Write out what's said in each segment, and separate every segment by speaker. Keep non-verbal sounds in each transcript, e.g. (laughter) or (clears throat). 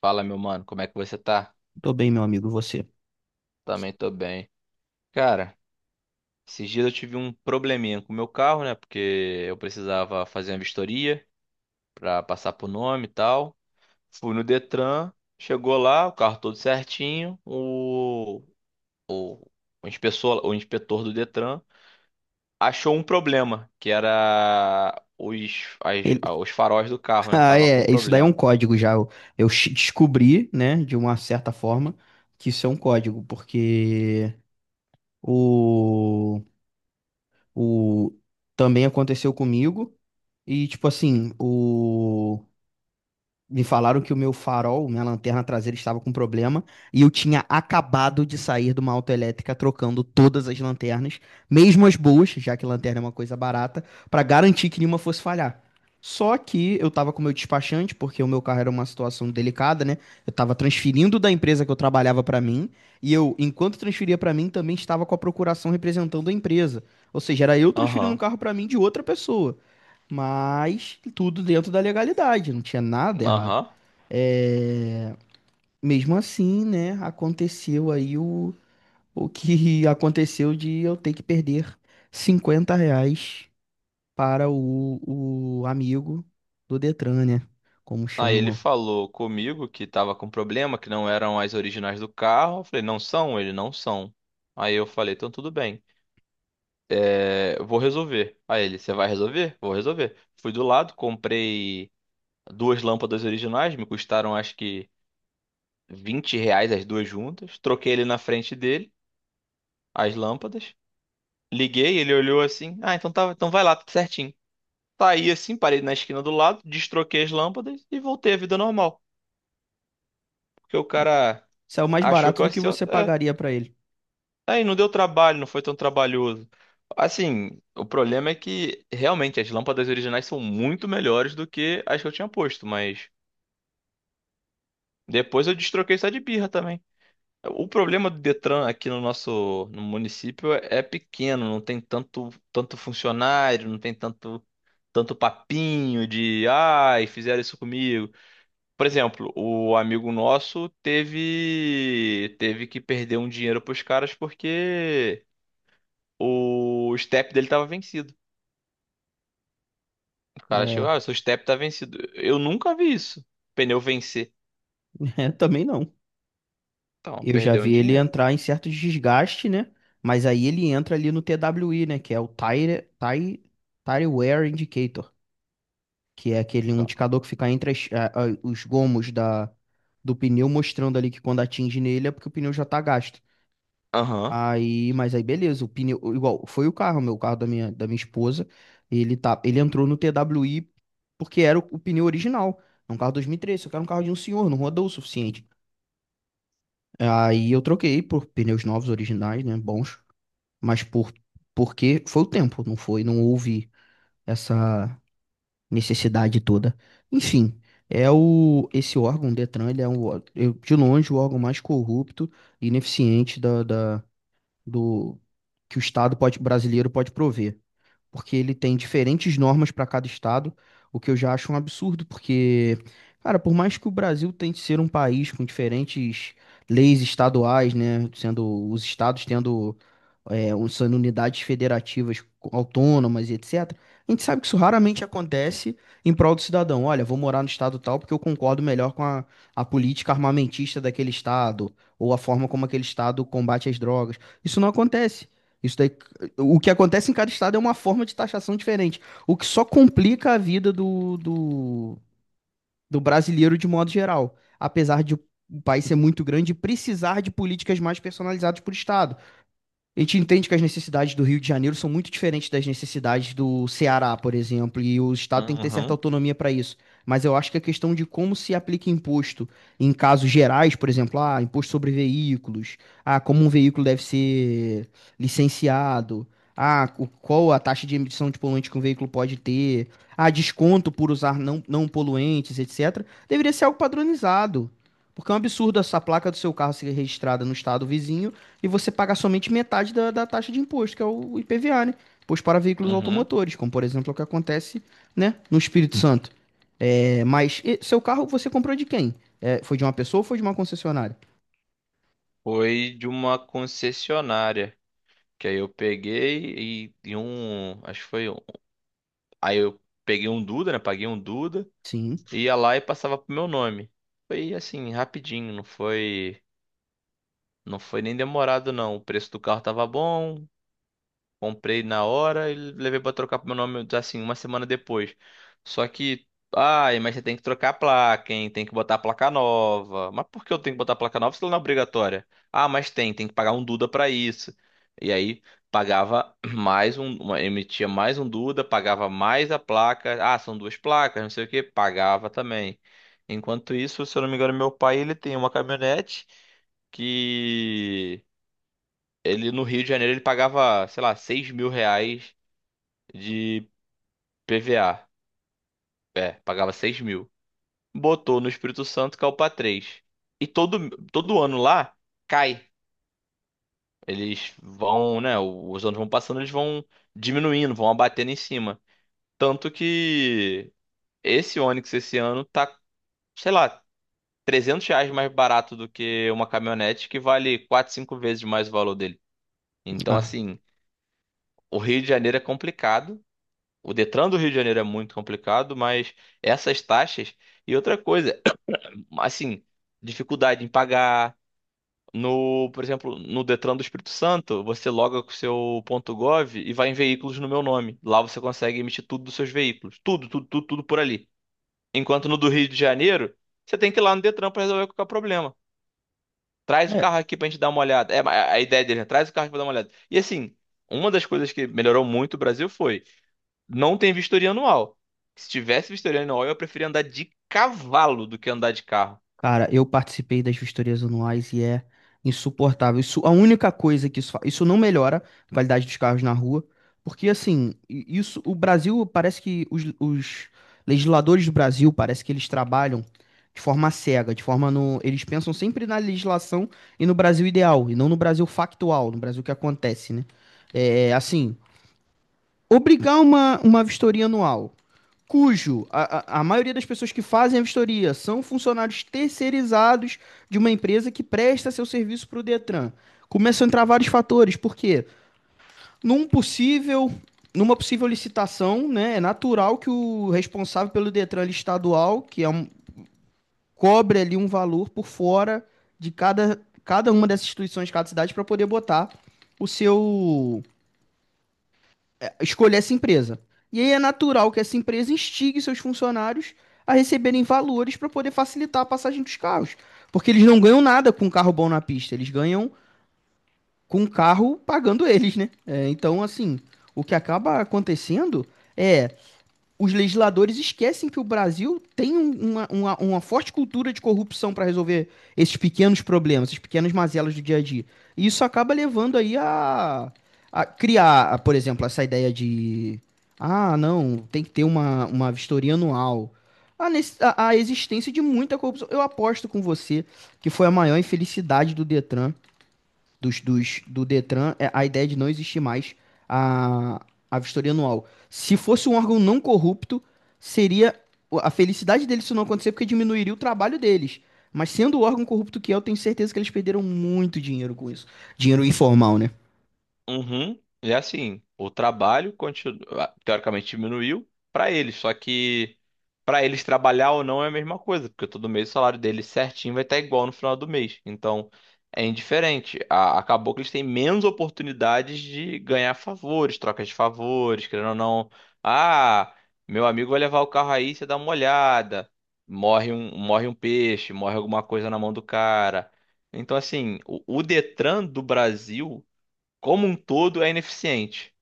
Speaker 1: Fala, meu mano, como é que você tá?
Speaker 2: Tô bem, meu amigo, você.
Speaker 1: Também tô bem. Cara, esses dias eu tive um probleminha com o meu carro, né? Porque eu precisava fazer uma vistoria pra passar por nome e tal. Fui no Detran, chegou lá, o carro todo certinho. O, o inspetor do Detran achou um problema, que era
Speaker 2: Ele... (laughs)
Speaker 1: os faróis do carro, né?
Speaker 2: Ah,
Speaker 1: Tava com
Speaker 2: é, isso daí é um
Speaker 1: problema.
Speaker 2: código já. Descobri, né, de uma certa forma, que isso é um código, porque o, o também aconteceu comigo e tipo assim, o. Me falaram que o meu farol, minha lanterna traseira estava com problema e eu tinha acabado de sair de uma autoelétrica trocando todas as lanternas, mesmo as boas, já que lanterna é uma coisa barata, para garantir que nenhuma fosse falhar. Só que eu estava com o meu despachante, porque o meu carro era uma situação delicada, né? Eu estava transferindo da empresa que eu trabalhava para mim e eu, enquanto transferia para mim, também estava com a procuração representando a empresa. Ou seja, era eu transferindo um
Speaker 1: Aham,
Speaker 2: carro para mim de outra pessoa. Mas tudo dentro da legalidade, não tinha nada errado.
Speaker 1: aham.
Speaker 2: É, mesmo assim, né, aconteceu aí o que (laughs) aconteceu de eu ter que perder 50 reais para o amigo do Detran, né, como
Speaker 1: Aí ele
Speaker 2: chamam.
Speaker 1: falou comigo que tava com problema, que não eram as originais do carro. Eu falei, não são? Ele, não são. Aí eu falei, então tudo bem. É, eu vou resolver. Aí ele, você vai resolver? Vou resolver. Fui do lado, comprei duas lâmpadas originais, me custaram acho que R$ 20 as duas juntas. Troquei ele na frente dele, as lâmpadas. Liguei, ele olhou assim, ah, então tá, então vai lá, tudo certinho. Saí assim, parei na esquina do lado, destroquei as lâmpadas e voltei à vida normal. Porque o cara
Speaker 2: Saiu mais
Speaker 1: achou que
Speaker 2: barato
Speaker 1: eu
Speaker 2: do
Speaker 1: ia
Speaker 2: que
Speaker 1: ser.
Speaker 2: você pagaria para ele.
Speaker 1: Aí não deu trabalho, não foi tão trabalhoso. Assim, o problema é que realmente as lâmpadas originais são muito melhores do que as que eu tinha posto, mas depois eu destroquei só de birra também. O problema do Detran aqui no município é pequeno, não tem tanto funcionário, não tem tanto papinho de ai, fizeram isso comigo. Por exemplo, o amigo nosso teve que perder um dinheiro pros caras porque o step dele tava vencido. O cara chegou,
Speaker 2: É,
Speaker 1: ah, seu step tá vencido. Eu nunca vi isso. Pneu vencer.
Speaker 2: (laughs) é, também não.
Speaker 1: Então,
Speaker 2: Eu já
Speaker 1: perdeu um
Speaker 2: vi ele
Speaker 1: dinheiro.
Speaker 2: entrar em certo desgaste, né, mas aí ele entra ali no TWI, né, que é o Tire Wear Indicator, que é aquele um
Speaker 1: Então,
Speaker 2: indicador que fica entre os gomos da, do pneu, mostrando ali que quando atinge nele é porque o pneu já tá gasto.
Speaker 1: aham,
Speaker 2: Aí, mas aí beleza, o pneu, igual, foi o carro, meu o carro da minha esposa, ele entrou no TWI porque era o pneu original, é um carro 2013, só que era um carro de um senhor, não rodou o suficiente. Aí eu troquei por pneus novos, originais, né, bons, mas porque foi o tempo, não houve essa necessidade toda. Enfim, é o esse órgão, o Detran, ele é um, de longe o órgão mais corrupto e ineficiente da, da- do que o Estado pode, brasileiro pode prover, porque ele tem diferentes normas para cada estado, o que eu já acho um absurdo, porque, cara, por mais que o Brasil tente ser um país com diferentes leis estaduais, né, sendo os estados tendo sendo unidades federativas autônomas e etc. A gente sabe que isso raramente acontece em prol do cidadão. Olha, vou morar no estado tal porque eu concordo melhor com a política armamentista daquele estado, ou a forma como aquele estado combate as drogas. Isso não acontece. Isso daí, o que acontece em cada estado é uma forma de taxação diferente, o que só complica a vida do brasileiro de modo geral, apesar de o país ser muito grande e precisar de políticas mais personalizadas por estado. A gente entende que as necessidades do Rio de Janeiro são muito diferentes das necessidades do Ceará, por exemplo, e o Estado tem que ter certa
Speaker 1: aham,
Speaker 2: autonomia para isso. Mas eu acho que a questão de como se aplica imposto em casos gerais, por exemplo, ah, imposto sobre veículos, ah, como um veículo deve ser licenciado, ah, qual a taxa de emissão de poluente que um veículo pode ter, ah, desconto por usar não poluentes, etc., deveria ser algo padronizado. Porque é um absurdo essa placa do seu carro ser registrada no estado vizinho e você paga somente metade da taxa de imposto, que é o IPVA, né? Imposto para veículos
Speaker 1: aham.
Speaker 2: automotores, como por exemplo é o que acontece, né, no Espírito Santo. É, mas e, seu carro você comprou de quem? É, foi de uma pessoa ou foi de uma concessionária?
Speaker 1: Foi de uma concessionária. Que aí eu peguei e um. Acho que foi um. Aí eu peguei um Duda, né? Paguei um Duda.
Speaker 2: Sim.
Speaker 1: Ia lá e passava pro meu nome. Foi assim, rapidinho. Não foi. Não foi nem demorado, não. O preço do carro tava bom. Comprei na hora e levei pra trocar pro meu nome assim uma semana depois. Só que, ai, mas você tem que trocar a placa, hein? Tem que botar a placa nova. Mas por que eu tenho que botar a placa nova se ela não é obrigatória? Ah, mas tem que pagar um Duda pra isso. E aí pagava (clears throat) emitia mais um Duda, pagava mais a placa. Ah, são duas placas, não sei o que, pagava também. Enquanto isso, se eu não me engano, meu pai ele tem uma caminhonete que ele no Rio de Janeiro ele pagava, sei lá, R$ 6.000 de PVA. É, pagava 6.000. Botou no Espírito Santo, caiu pra 3. E todo ano lá cai. Eles vão, né? Os anos vão passando, eles vão diminuindo, vão abatendo em cima. Tanto que esse Onix esse ano tá, sei lá, R$ 300 mais barato do que uma caminhonete que vale 4, 5 vezes mais o valor dele. Então,
Speaker 2: Ah,
Speaker 1: assim, o Rio de Janeiro é complicado. O Detran do Rio de Janeiro é muito complicado, mas essas taxas e outra coisa, (clears throat) assim, dificuldade em pagar no, por exemplo, no Detran do Espírito Santo, você loga com o seu ponto .gov e vai em veículos no meu nome. Lá você consegue emitir tudo dos seus veículos, tudo, tudo, tudo, tudo por ali. Enquanto no do Rio de Janeiro, você tem que ir lá no Detran para resolver qualquer problema. Traz o
Speaker 2: é.
Speaker 1: carro aqui pra gente dar uma olhada. É a ideia dele, né? Traz o carro aqui pra dar uma olhada. E assim, uma das coisas que melhorou muito o Brasil foi não tem vistoria anual. Se tivesse vistoria anual, eu preferia andar de cavalo do que andar de carro.
Speaker 2: Cara, eu participei das vistorias anuais e é insuportável. Isso, a única coisa que isso não melhora a qualidade dos carros na rua, porque assim, isso, o Brasil parece que os legisladores do Brasil parece que eles trabalham de forma cega, de forma no, eles pensam sempre na legislação e no Brasil ideal, e não no Brasil factual, no Brasil que acontece, né? É, assim, obrigar uma vistoria anual cujo a maioria das pessoas que fazem a vistoria são funcionários terceirizados de uma empresa que presta seu serviço para o Detran. Começam a entrar vários fatores, porque num possível, numa possível licitação, né, é natural que o responsável pelo Detran estadual, que é um, cobre ali um valor por fora de cada uma dessas instituições, de cada cidade, para poder botar o seu escolher essa empresa. E aí é natural que essa empresa instigue seus funcionários a receberem valores para poder facilitar a passagem dos carros. Porque eles não ganham nada com um carro bom na pista, eles ganham com o carro pagando eles, né? É, então, assim, o que acaba acontecendo é os legisladores esquecem que o Brasil tem uma forte cultura de corrupção para resolver esses pequenos problemas, essas pequenas mazelas do dia a dia. E isso acaba levando aí a criar, por exemplo, essa ideia de ah, não, tem que ter uma vistoria anual. A existência de muita corrupção. Eu aposto com você que foi a maior infelicidade do Detran do Detran é a ideia de não existir mais a vistoria anual. Se fosse um órgão não corrupto, seria a felicidade deles se não acontecer, porque diminuiria o trabalho deles. Mas sendo o órgão corrupto que é, eu tenho certeza que eles perderam muito dinheiro com isso. Dinheiro informal, né?
Speaker 1: Uhum. E assim, o trabalho continua, teoricamente diminuiu para eles, só que para eles trabalhar ou não é a mesma coisa, porque todo mês o salário deles certinho vai estar igual no final do mês. Então, é indiferente. A- Acabou que eles têm menos oportunidades de ganhar favores, trocas de favores, querendo ou não. Ah, meu amigo vai levar o carro aí, você dá uma olhada. Morre um peixe, morre alguma coisa na mão do cara. Então, assim, o Detran do Brasil como um todo é ineficiente.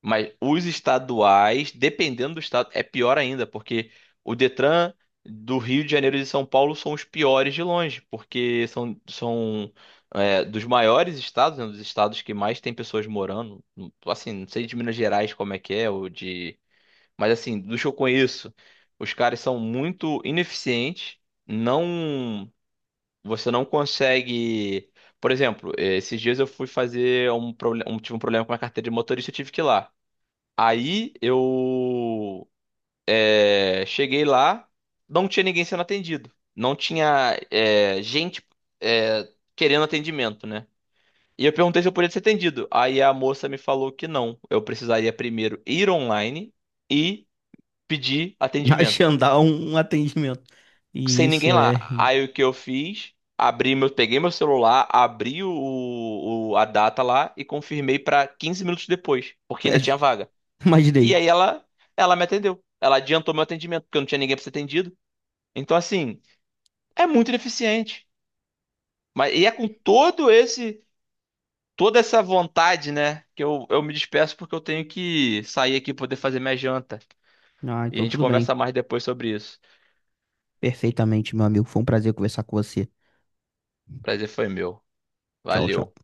Speaker 1: Mas os estaduais, dependendo do estado, é pior ainda, porque o Detran do Rio de Janeiro e de São Paulo são os piores de longe, porque são dos maiores estados, né, dos estados que mais tem pessoas morando. Assim, não sei de Minas Gerais como é que é, ou de. Mas assim, dos que eu conheço, os caras são muito ineficientes, não. Você não consegue. Por exemplo, esses dias eu fui fazer tive um problema com a carteira de motorista, eu tive que ir lá. Aí eu cheguei lá, não tinha ninguém sendo atendido. Não tinha gente eh, querendo atendimento, né? E eu perguntei se eu podia ser atendido. Aí a moça me falou que não. Eu precisaria primeiro ir online e pedir
Speaker 2: (laughs)
Speaker 1: atendimento.
Speaker 2: Agendar um atendimento. E
Speaker 1: Sem
Speaker 2: isso
Speaker 1: ninguém
Speaker 2: é.
Speaker 1: lá. Aí o que eu fiz? Abri meu, peguei meu celular, abri a data lá e confirmei pra 15 minutos depois, porque
Speaker 2: É,
Speaker 1: ainda tinha vaga. E
Speaker 2: imaginei.
Speaker 1: aí ela me atendeu. Ela adiantou meu atendimento, porque eu não tinha ninguém pra ser atendido. Então assim, é muito ineficiente. Mas e é com todo esse toda essa vontade, né, que eu me despeço porque eu tenho que sair aqui poder fazer minha janta.
Speaker 2: Ah,
Speaker 1: E a
Speaker 2: então
Speaker 1: gente
Speaker 2: tudo bem.
Speaker 1: conversa mais depois sobre isso.
Speaker 2: Perfeitamente, meu amigo. Foi um prazer conversar com você.
Speaker 1: Prazer foi meu.
Speaker 2: Tchau,
Speaker 1: Valeu.
Speaker 2: tchau.